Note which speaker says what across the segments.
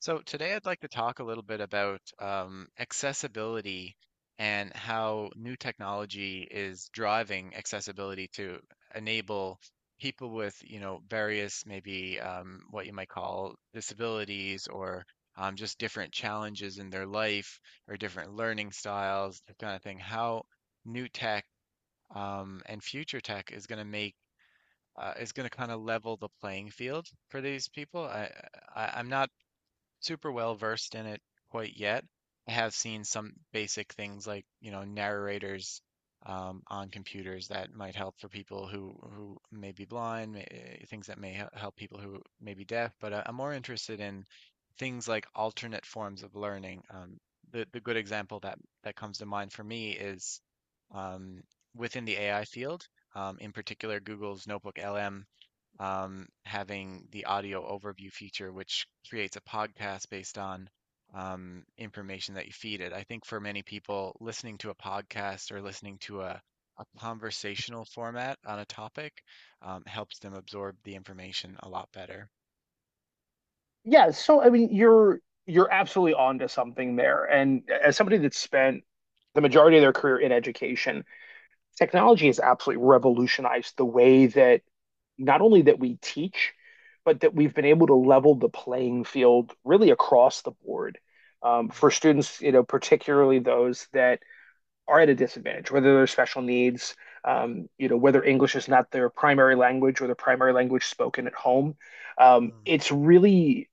Speaker 1: So today I'd like to talk a little bit about accessibility and how new technology is driving accessibility to enable people with, you know, various maybe what you might call disabilities or just different challenges in their life or different learning styles, that kind of thing. How new tech and future tech is going to make is going to kind of level the playing field for these people. I'm not super well versed in it quite yet. I have seen some basic things like, you know, narrators on computers that might help for people who may be blind, things that may help people who may be deaf. But I'm more interested in things like alternate forms of learning. The good example that comes to mind for me is um, within the AI field, in particular Google's Notebook LM, having the audio overview feature, which creates a podcast based on information that you feed it. I think for many people, listening to a podcast or listening to a conversational format on a topic helps them absorb the information a lot better.
Speaker 2: Yeah, so I mean, you're absolutely onto something there. And as somebody that's spent the majority of their career in education, technology has absolutely revolutionized the way that not only that we teach, but that we've been able to level the playing field really across the board
Speaker 1: Mm,
Speaker 2: for students, particularly those that are at a disadvantage, whether they're special needs, whether English is not their primary language or their primary language spoken at home.
Speaker 1: mm.
Speaker 2: It's really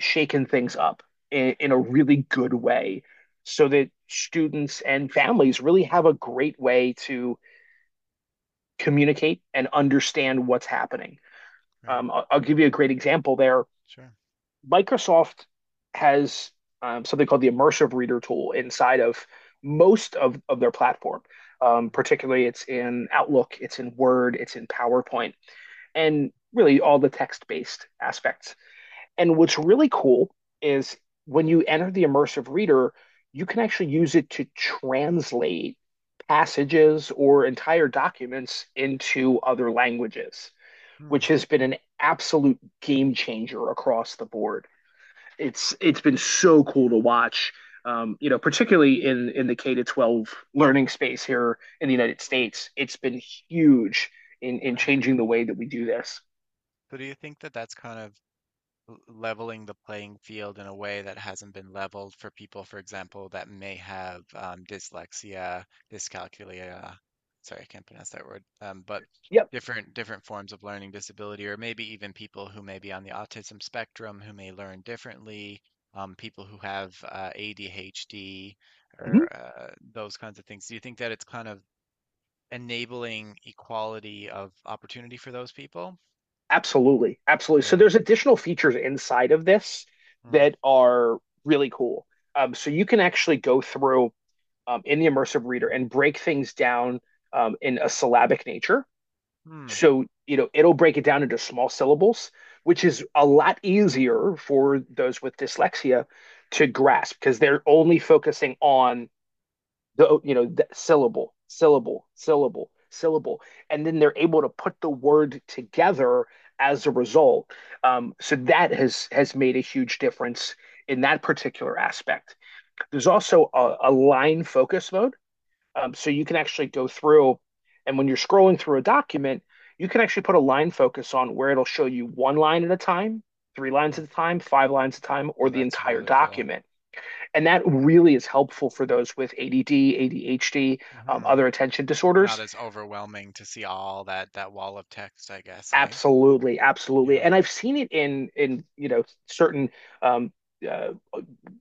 Speaker 2: shaken things up in a really good way so that students and families really have a great way to communicate and understand what's happening.
Speaker 1: Right?
Speaker 2: I'll give you a great example there.
Speaker 1: Sure.
Speaker 2: Microsoft has something called the immersive reader tool inside of most of their platform.
Speaker 1: Mm,
Speaker 2: Particularly, it's in Outlook, it's in Word, it's in PowerPoint, and really all the text based aspects. And what's really cool is when you enter the immersive reader, you can actually use it to translate passages or entire documents into other languages,
Speaker 1: mm,
Speaker 2: which has been an absolute game changer across the board. It's been so cool to watch, particularly in the K to 12 learning space here in the United
Speaker 1: mm.
Speaker 2: States. It's been huge in
Speaker 1: Right.
Speaker 2: changing the way that we do this.
Speaker 1: So do you think that that's kind of leveling the playing field in a way that hasn't been leveled for people, for example, that may have dyslexia, dyscalculia. Sorry, I can't pronounce that word. But
Speaker 2: Yep.
Speaker 1: different forms of learning disability, or maybe even people who may be on the autism spectrum who may learn differently. People who have ADHD or those kinds of things. Do you think that it's kind of enabling equality of opportunity for those people?
Speaker 2: Absolutely, absolutely. So
Speaker 1: Yeah.
Speaker 2: there's additional features inside of this
Speaker 1: Mm.
Speaker 2: that are really cool. So you can actually go through in the immersive reader and break things down in a syllabic nature.
Speaker 1: Hmm.
Speaker 2: So, you know, it'll break it down into small syllables, which is a lot easier for those with dyslexia to grasp because they're only focusing on the the syllable, syllable, syllable, syllable, and then they're able to put the word together as a result. So that has made a huge difference in that particular aspect. There's also a line focus mode. So you can actually go through, and when you're scrolling through a document you can actually put a line focus on where it'll show you one line at a time, three lines
Speaker 1: Hmm.
Speaker 2: at a time, five lines at a time, or
Speaker 1: Oh,
Speaker 2: the
Speaker 1: that's
Speaker 2: entire
Speaker 1: really cool.
Speaker 2: document. And that really is helpful for those with ADD, ADHD,
Speaker 1: Hmm.
Speaker 2: other attention
Speaker 1: It's not
Speaker 2: disorders.
Speaker 1: as overwhelming to see all that that wall of text, I guess, hey?
Speaker 2: Absolutely, absolutely.
Speaker 1: Yeah.
Speaker 2: And I've seen it in you know certain um, uh,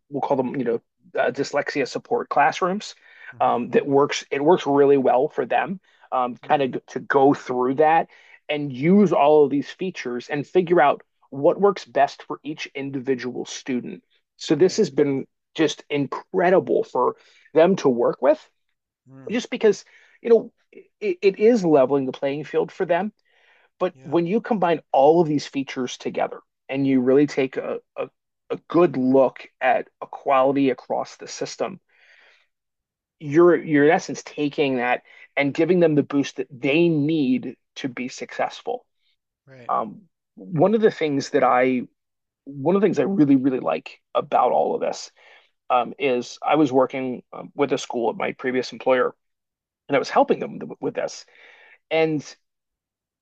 Speaker 2: we'll call them dyslexia support classrooms
Speaker 1: Hmm.
Speaker 2: that works. It works really well for them, kind
Speaker 1: Mm,
Speaker 2: of to go through that and use all of these features and figure out what works best for each individual student. So this
Speaker 1: right.
Speaker 2: has been just incredible for them to work with
Speaker 1: Mm,
Speaker 2: just because, you know, it is leveling the playing field for them. But
Speaker 1: yeah.
Speaker 2: when you combine all of these features together and you really take a good look at equality across the system, you're in essence taking that and giving them the boost that they need to be successful.
Speaker 1: Right.
Speaker 2: Um, one of the things that
Speaker 1: Right.
Speaker 2: I One of the things I really like about all of this is I was working with a school at my previous employer and I was helping them with this, and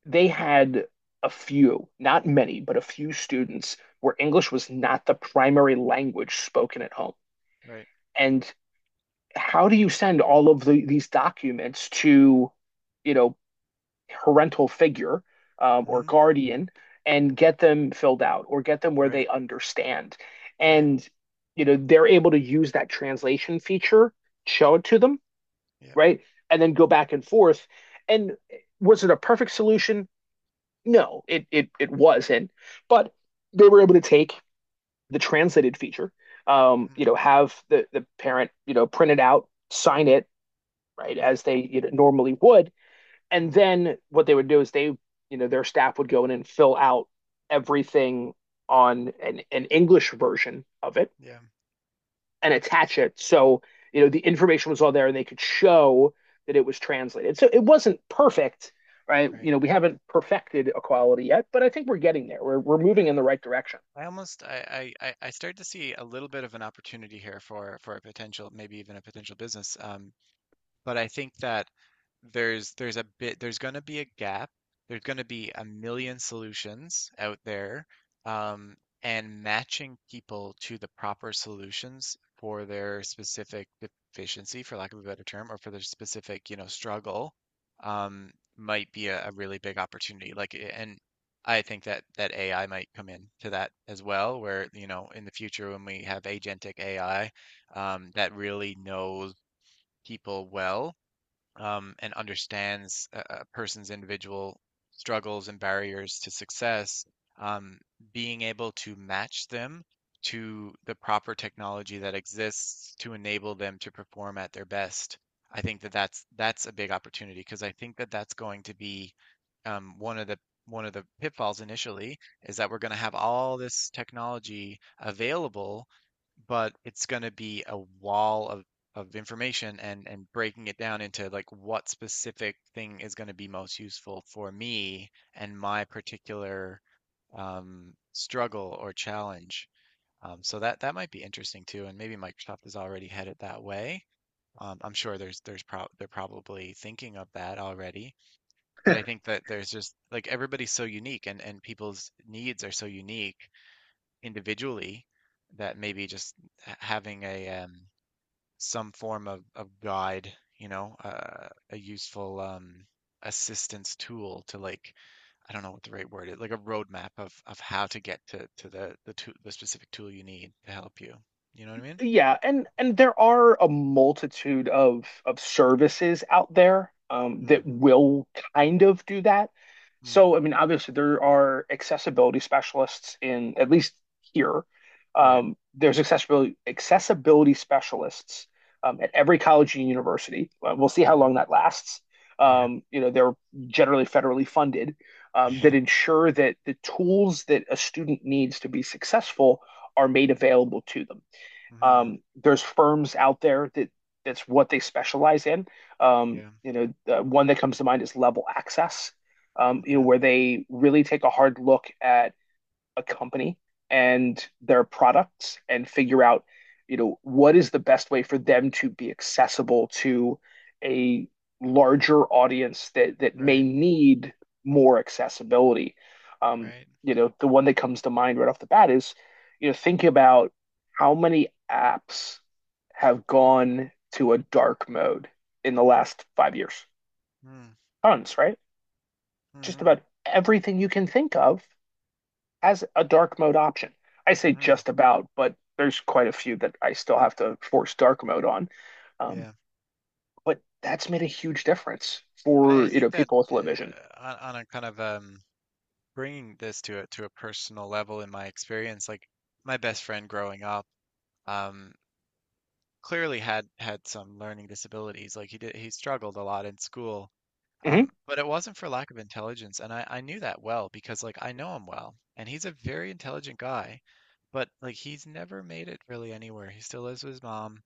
Speaker 2: they had a few, not many, but a few students where English was not the primary language spoken at home.
Speaker 1: Right.
Speaker 2: And how do you send all of the, these documents to, you know, parental figure or
Speaker 1: Hmm.
Speaker 2: guardian and get them filled out or get them where
Speaker 1: Right.
Speaker 2: they understand?
Speaker 1: Right.
Speaker 2: And, you know, they're able to use that translation feature, show it to them,
Speaker 1: Yep.
Speaker 2: right? And then go back and forth. And was it a perfect solution? No, it wasn't. But they were able to take the translated feature, you
Speaker 1: Hmm.
Speaker 2: know, have the parent, you know, print it out, sign it, right,
Speaker 1: Right.
Speaker 2: as they you know, normally would, and
Speaker 1: Mm,
Speaker 2: then what they would do is they, you know, their staff would go in and fill out everything on an English version of it
Speaker 1: yeah.
Speaker 2: and
Speaker 1: S-
Speaker 2: attach it. So, you know, the information was all there and they could show that it was translated. So it wasn't perfect, right? You
Speaker 1: right.
Speaker 2: know, we haven't perfected equality yet, but I think we're getting there. We're
Speaker 1: Uh,
Speaker 2: moving in the right direction.
Speaker 1: I almost I start to see a little bit of an opportunity here for a potential maybe even a potential business. But I think that there's going to be a gap. There's going to be a million solutions out there, um, and matching people to the proper solutions for their specific deficiency, for lack of a better term, or for their specific, you know, struggle, um, might be a really big opportunity. Like, and I think that that AI might come in to that as well, where, you know, in the future when we have agentic AI, that really knows people well and understands a person's individual struggles and barriers to success, um, being able to match them to the proper technology that exists to enable them to perform at their best. I think that that's a big opportunity because I think that that's going to be um, one of the one of the pitfalls initially is that we're going to have all this technology available, but it's going to be a wall of information and breaking it down into like what specific thing is going to be most useful for me and my particular struggle or challenge. So that that might be interesting too, and maybe Microsoft is already headed that way. I'm sure there's prob they're probably thinking of that already. But I think that there's just like everybody's so unique, and people's needs are so unique individually that maybe just having a some form of guide, you know, a useful assistance tool to like I don't know what the right word is, like a roadmap of how to get to the tool, the specific tool you need to help you. You know what I mean?
Speaker 2: Yeah, and there are a multitude of services out there that
Speaker 1: Mm,
Speaker 2: will kind of do that.
Speaker 1: mm,
Speaker 2: So, I mean, obviously there are accessibility specialists in at least here.
Speaker 1: right.
Speaker 2: There's accessibility specialists at every college and university. We'll see how
Speaker 1: Mm,
Speaker 2: long that lasts.
Speaker 1: yeah.
Speaker 2: You know, they're generally federally funded
Speaker 1: Yeah.
Speaker 2: that ensure that the tools that a student needs to be successful are made available to them.
Speaker 1: Hmm.
Speaker 2: There's firms out there that that's what they specialize in.
Speaker 1: Yeah.
Speaker 2: You know, the one that comes to mind is Level Access, you know,
Speaker 1: Okay.
Speaker 2: where they really take a hard look at a company and their products and figure out, you know, what is the best way for them to be accessible to a larger audience that that may
Speaker 1: Right.
Speaker 2: need more accessibility. Um,
Speaker 1: Right.
Speaker 2: you know, the one that comes to mind right off the bat is, you know, think about how many apps have gone to a dark mode in the last 5 years.
Speaker 1: Mm,
Speaker 2: Tons, right? Just
Speaker 1: mm-hmm.
Speaker 2: about everything you can think of as a dark mode option. I say
Speaker 1: Mm-hmm.
Speaker 2: just about, but there's quite a few that I still have to force dark mode on. Um,
Speaker 1: Yeah.
Speaker 2: but that's made a huge difference
Speaker 1: But I
Speaker 2: for, you
Speaker 1: think
Speaker 2: know,
Speaker 1: that
Speaker 2: people with low vision.
Speaker 1: on a kind of bringing this to a personal level in my experience, like my best friend growing up um, clearly had some learning disabilities. Like he did, he struggled a lot in school.
Speaker 2: Mhm.
Speaker 1: But it wasn't for lack of intelligence, and I knew that well because like I know him well, and he's a very intelligent guy, but like he's never made it really anywhere. He still lives with his mom.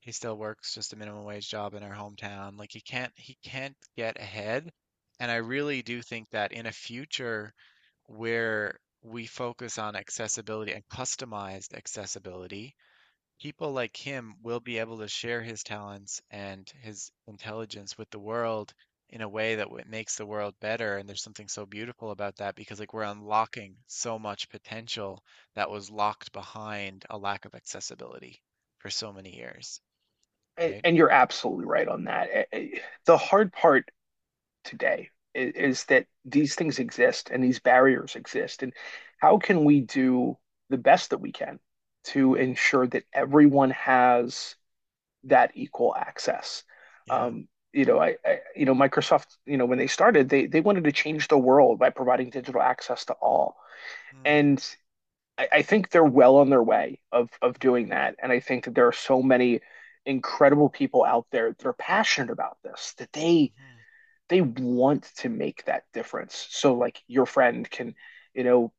Speaker 1: He still works just a minimum wage job in our hometown. Like he can't get ahead. And I really do think that in a future where we focus on accessibility and customized accessibility, people like him will be able to share his talents and his intelligence with the world in a way that makes the world better. And there's something so beautiful about that because, like, we're unlocking so much potential that was locked behind a lack of accessibility for so many years, right?
Speaker 2: And you're absolutely right on that. The hard part today is that these things exist and these barriers exist. And how can we do the best that we can to
Speaker 1: Mm,
Speaker 2: ensure that everyone has that equal access.
Speaker 1: yeah.
Speaker 2: You know, you know, Microsoft, you know, when they started, they wanted to change the world by providing digital access to all,
Speaker 1: Mm,
Speaker 2: and I think they're well on their way of doing
Speaker 1: hmm.
Speaker 2: that. And I think that there are so many incredible people out there that are passionate about this that they
Speaker 1: Hmm.
Speaker 2: they want to make that difference. So like your friend can, you know,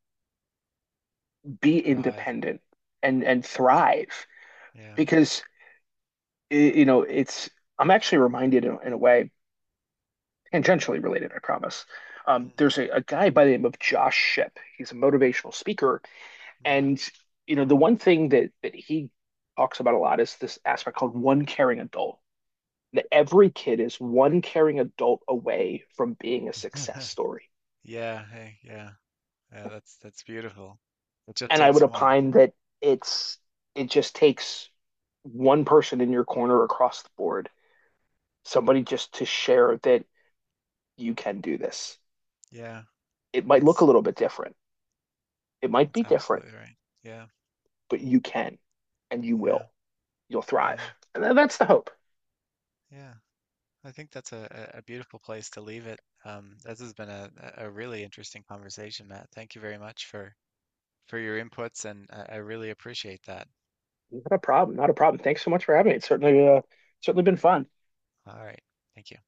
Speaker 1: And
Speaker 2: be
Speaker 1: thrive.
Speaker 2: independent and thrive
Speaker 1: Yeah.
Speaker 2: because you know it's. I'm actually reminded in a way tangentially related, I promise.
Speaker 1: Mm,
Speaker 2: There's a guy by the name of Josh Ship. He's a motivational speaker, and you know the one thing that that he talks about a lot is this aspect called one caring adult. That every kid is one caring adult away from being a success
Speaker 1: mm.
Speaker 2: story.
Speaker 1: Yeah. Hey, yeah. Yeah. That's beautiful. It just
Speaker 2: And I would
Speaker 1: takes one.
Speaker 2: opine that it's it just takes one person in your corner across the board, somebody just to share that you can do this.
Speaker 1: Yeah.
Speaker 2: It might look a
Speaker 1: That's
Speaker 2: little bit different. It might
Speaker 1: That's
Speaker 2: be different
Speaker 1: absolutely right. Yeah,
Speaker 2: but you can and you
Speaker 1: yeah,
Speaker 2: will. You'll thrive.
Speaker 1: yeah,
Speaker 2: And that's the hope.
Speaker 1: yeah. I think that's a beautiful place to leave it. This has been a really interesting conversation, Matt. Thank you very much for your inputs, and I really appreciate that.
Speaker 2: Not a problem. Not a problem. Thanks so much for having me. It's certainly certainly been fun.
Speaker 1: All right. Thank you.